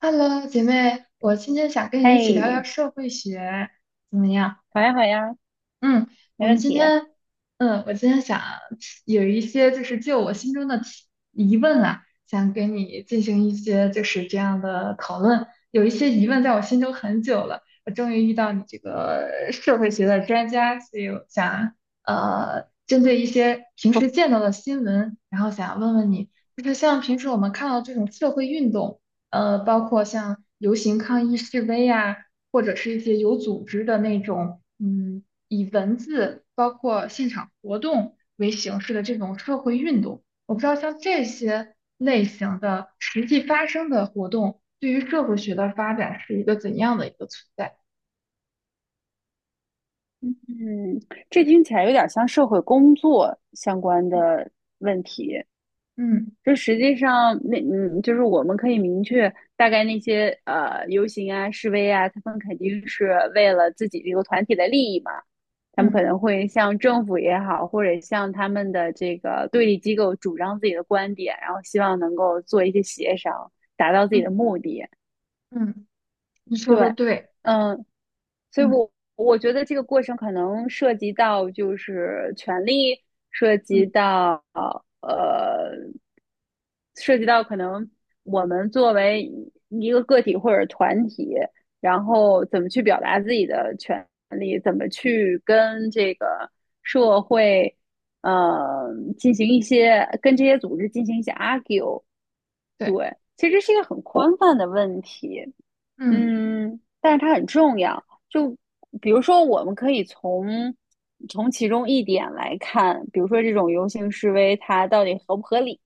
Hello，姐妹，我今天想跟你一起聊聊嘿，社会学，怎么样？好呀，好呀，嗯，我没们问今题。天，我今天想有一些就我心中的疑问啊，想跟你进行一些就是这样的讨论。有一些疑问在我心中很久了，我终于遇到你这个社会学的专家，所以我想针对一些平时见到的新闻，然后想问问你，就是像平时我们看到这种社会运动，包括像游行抗议示威啊，或者是一些有组织的那种，嗯。以文字包括现场活动为形式的这种社会运动。我不知道像这些类型的实际发生的活动，对于社会学的发展是一个怎样的一个存在？嗯，这听起来有点像社会工作相关的问题。嗯。就实际上，就是我们可以明确大概那些游行啊、示威啊，他们肯定是为了自己这个团体的利益嘛。他们可嗯。能会向政府也好，或者向他们的这个对立机构主张自己的观点，然后希望能够做一些协商，达到自己的嗯。目的。嗯，你说的对，对。嗯，所以嗯。我觉得这个过程可能涉及到就是权利，涉及嗯。到呃。涉及到可能我们作为一个个体或者团体，然后怎么去表达自己的权利，怎么去跟这个社会，呃，进行一些跟这些组织进行一些 argue。对。对，其实是一个很宽泛的问题，嗯。但是它很重要。就比如说，我们可以从其中一点来看，比如说这种游行示威，它到底合不合理？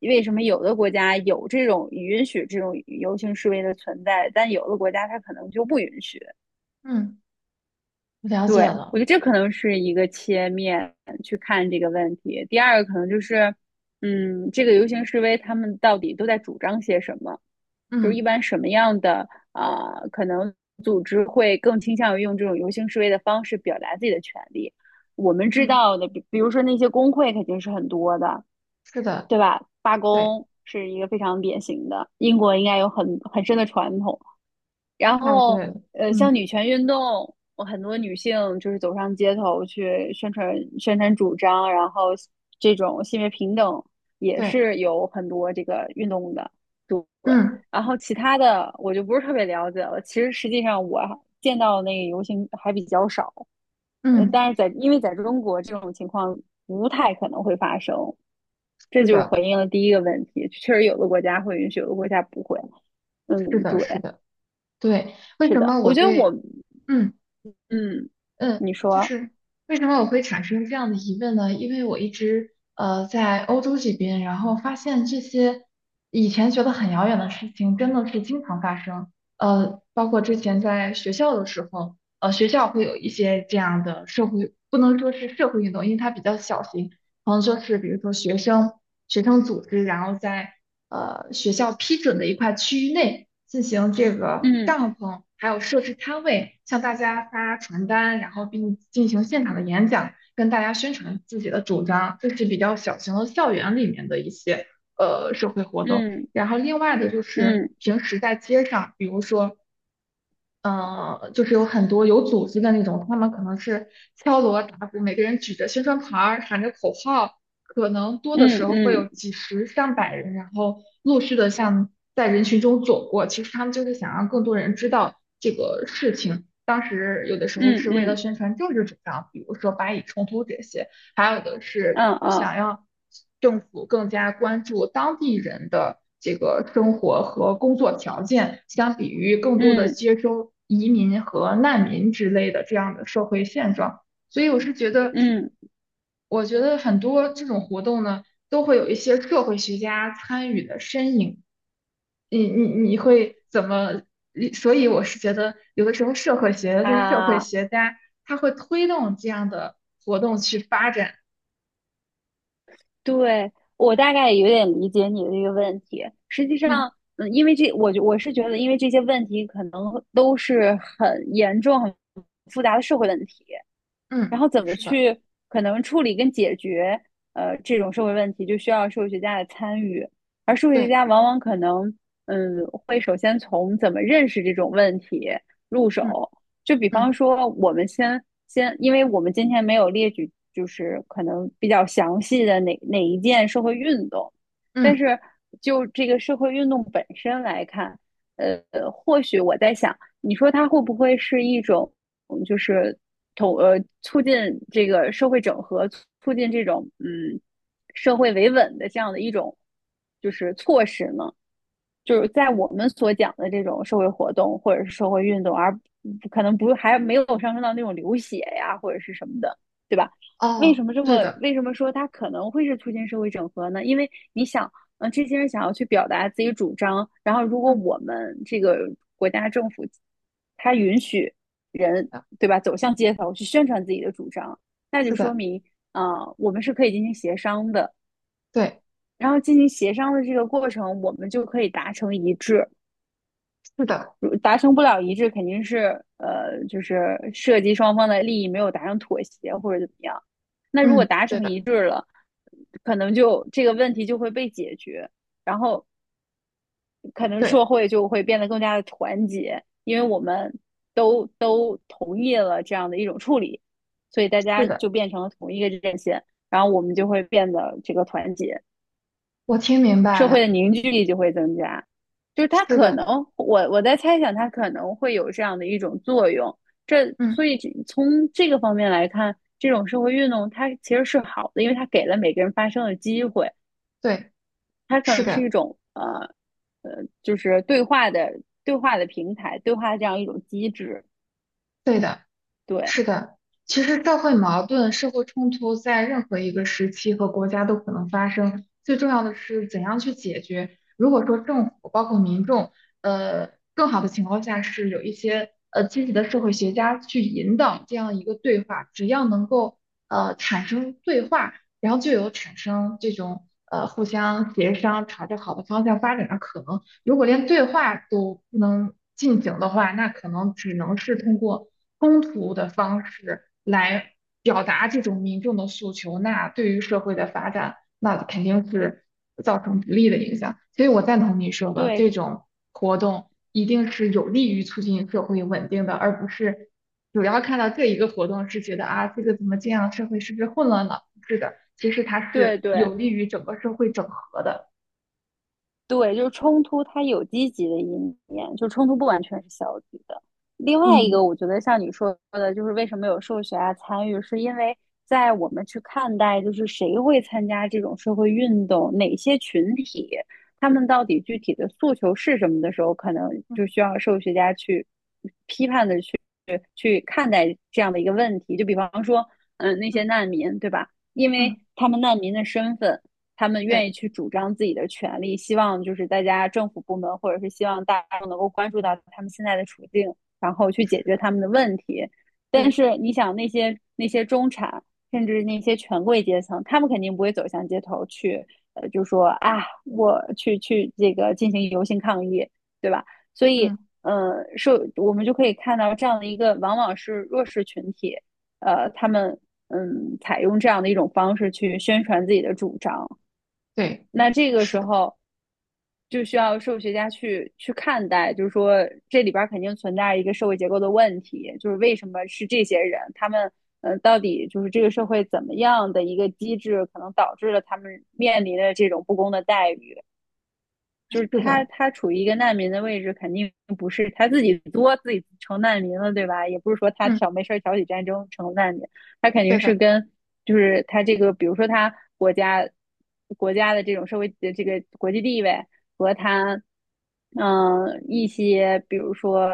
为什么有的国家有这种允许这种游行示威的存在，但有的国家它可能就不允许。嗯，我了解对，我了。觉得这可能是一个切面去看这个问题。第二个可能就是，这个游行示威他们到底都在主张些什么？就是一嗯。般什么样的啊、可能组织会更倾向于用这种游行示威的方式表达自己的权利。我们知嗯，道的，比如说那些工会肯定是很多的，是的。对吧？罢对，工是一个非常典型的，英国应该有很深的传统。然太后，对了。像嗯。女权运动，我很多女性就是走上街头去宣传宣传主张，然后这种性别平等也对。是有很多这个运动的，对。嗯。然后其他的我就不是特别了解了。其实实际上我见到的那个游行还比较少，嗯，但是因为在中国这种情况不太可能会发生。这是就的，回应了第一个问题，确实有的国家会允许，有的国家不会。是嗯，的，是对，的。对，为是什的，么我我觉得我，对嗯。嗯，嗯，你就说，是为什么我会产生这样的疑问呢？因为我一直在欧洲这边，然后发现这些以前觉得很遥远的事情，真的是经常发生。包括之前在学校的时候，呃，学校会有一些这样的社会，不能说是社会运动，因为它比较小型，然后就是比如说学生组织，然后在学校批准的一块区域内进行这个嗯帐篷，还有设置摊位，向大家发传单，然后并进行现场的演讲，跟大家宣传自己的主张。这是比较小型的校园里面的一些社会活动。嗯然后另外的就是嗯平时在街上，比如说就是有很多有组织的那种，他们可能是敲锣打鼓，每个人举着宣传牌儿，喊着口号，可能多的嗯时候会有嗯几十上百人，然后陆续的像在人群中走过。其实他们就是想让更多人知道这个事情。当时有的时候嗯嗯是为了嗯宣传政治主张，比如说巴以冲突这些。还有的是，比如嗯想要政府更加关注当地人的这个生活和工作条件，相比于更多的嗯接收移民和难民之类的这样的社会现状。所以我是觉得，嗯我觉得很多这种活动呢，都会有一些社会学家参与的身影。你会怎么？所以我是觉得，有的时候社会学的这些社会啊，学家，他会推动这样的活动去发展。对，我大概有点理解你的这个问题。实际嗯。上，因为这，我是觉得，因为这些问题可能都是很严重、很复杂的社会问题。嗯，然后怎么是的。去可能处理跟解决这种社会问题，就需要社会学家的参与，而社会学对。家往往可能会首先从怎么认识这种问题入嗯。手，就比方嗯。说我们先，因为我们今天没有列举就是可能比较详细的哪一件社会运动，但嗯。是就这个社会运动本身来看，呃，或许我在想，你说它会不会是一种就是促进这个社会整合，促进这种社会维稳的这样的一种就是措施呢？就是在我们所讲的这种社会活动或者是社会运动，而可能不还没有上升到那种流血呀或者是什么的，对吧？哦，对的。为什么说它可能会是促进社会整合呢？因为你想，这些人想要去表达自己主张，然后如果嗯，我们这个国家政府它允许是人的，对吧走向街头去宣传自己的主张，那就是说的。明啊，我们是可以进行协商的，对。然后进行协商的这个过程，我们就可以达成一致。是的。如达成不了一致，肯定是就是涉及双方的利益没有达成妥协或者怎么样。那如果嗯，达对成的。一致了，可能就这个问题就会被解决，然后可能社对，会就会变得更加的团结，因为我们都同意了这样的一种处理，所以大是家的。就变成了同一个阵线，然后我们就会变得这个团结。我听明白社会了。的凝聚力就会增加。就是它是可的。能，我在猜想，它可能会有这样的一种作用。嗯。所以从这个方面来看，这种社会运动它其实是好的，因为它给了每个人发声的机会，对。它可是能是一的。种就是对话的平台，对话这样一种机制。对的。对是的，其实社会矛盾、社会冲突在任何一个时期和国家都可能发生，最重要的是怎样去解决。如果说政府包括民众，呃，更好的情况下是有一些积极的社会学家去引导这样一个对话，只要能够产生对话，然后就有产生这种互相协商、朝着好的方向发展的可能。如果连对话都不能进行的话，那可能只能是通过冲突的方式来表达这种民众的诉求，那对于社会的发展，那肯定是造成不利的影响。所以我赞同你说的，对这种活动一定是有利于促进社会稳定的，而不是主要看到这一个活动是觉得啊，这个怎么这样，社会是不是混乱了？不是的，其实它对是对，有利于整个社会整合的。对，就是冲突，它有积极的一面，就冲突不完全是消极的。另外一嗯。个，我觉得像你说的，就是为什么有社会学家参与，是因为在我们去看待，就是谁会参加这种社会运动，哪些群体，他们到底具体的诉求是什么的时候，可能嗯。就需要社会学家去看待这样的一个问题。就比方说，那些嗯。难民，对吧？因嗯。为他们难民的身份，他们愿意对，去主张自己的权利，希望就是大家政府部门或者是希望大众能够关注到他们现在的处境，然后去解是决的。他们的问题。但对。是你想，那些中产，甚至那些权贵阶层，他们肯定不会走向街头去，就说啊，我去这个进行游行抗议，对吧？所嗯。以，是我们就可以看到这样的一个，往往是弱势群体，他们采用这样的一种方式去宣传自己的主张。对，那这个是时的，候就需要社会学家去看待，就是说这里边肯定存在一个社会结构的问题，就是为什么是这些人，他们到底就是这个社会怎么样的一个机制，可能导致了他们面临的这种不公的待遇。就是是他的。他处于一个难民的位置，肯定不是他自己作自己成难民了，对吧？也不是说他嗯，没事挑起战争成难民，他肯对定是的。就是他这个，比如说他国家的这种社会的这个国际地位和他一些比如说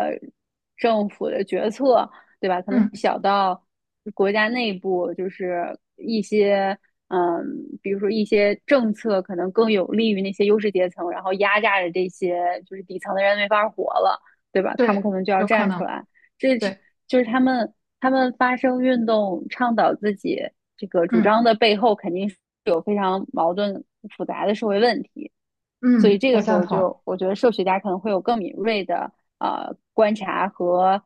政府的决策，对吧？可能嗯。小到国家内部就是一些，嗯，比如说一些政策可能更有利于那些优势阶层，然后压榨着这些就是底层的人没法活了，对吧？他们对，可能就要有可站出能。来，这对。就是他们发生运动倡导自己这个主嗯。张的背后，肯定是有非常矛盾复杂的社会问题，所以嗯，这我个时赞候同。就我觉得社会学家可能会有更敏锐的观察和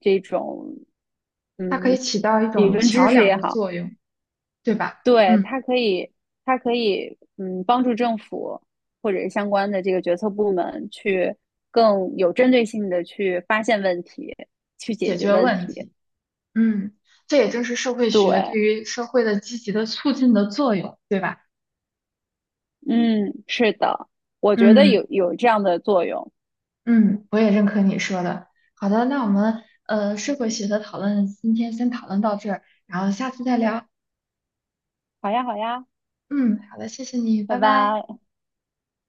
这种。它可以嗯，起到一理种论知桥识梁也的好，作用，对吧？对，嗯，它可以，帮助政府或者是相关的这个决策部门去更有针对性的去发现问题，去解解决决问问题。题。嗯，这也就是社会学对对，于社会的积极的促进的作用，对吧？嗯，是的，我觉得嗯。有这样的作用。嗯，我也认可你说的。好的，那我们社会学的讨论今天先讨论到这儿，然后下次再聊。好呀，好呀，嗯，好的，谢谢你，拜拜拜。拜。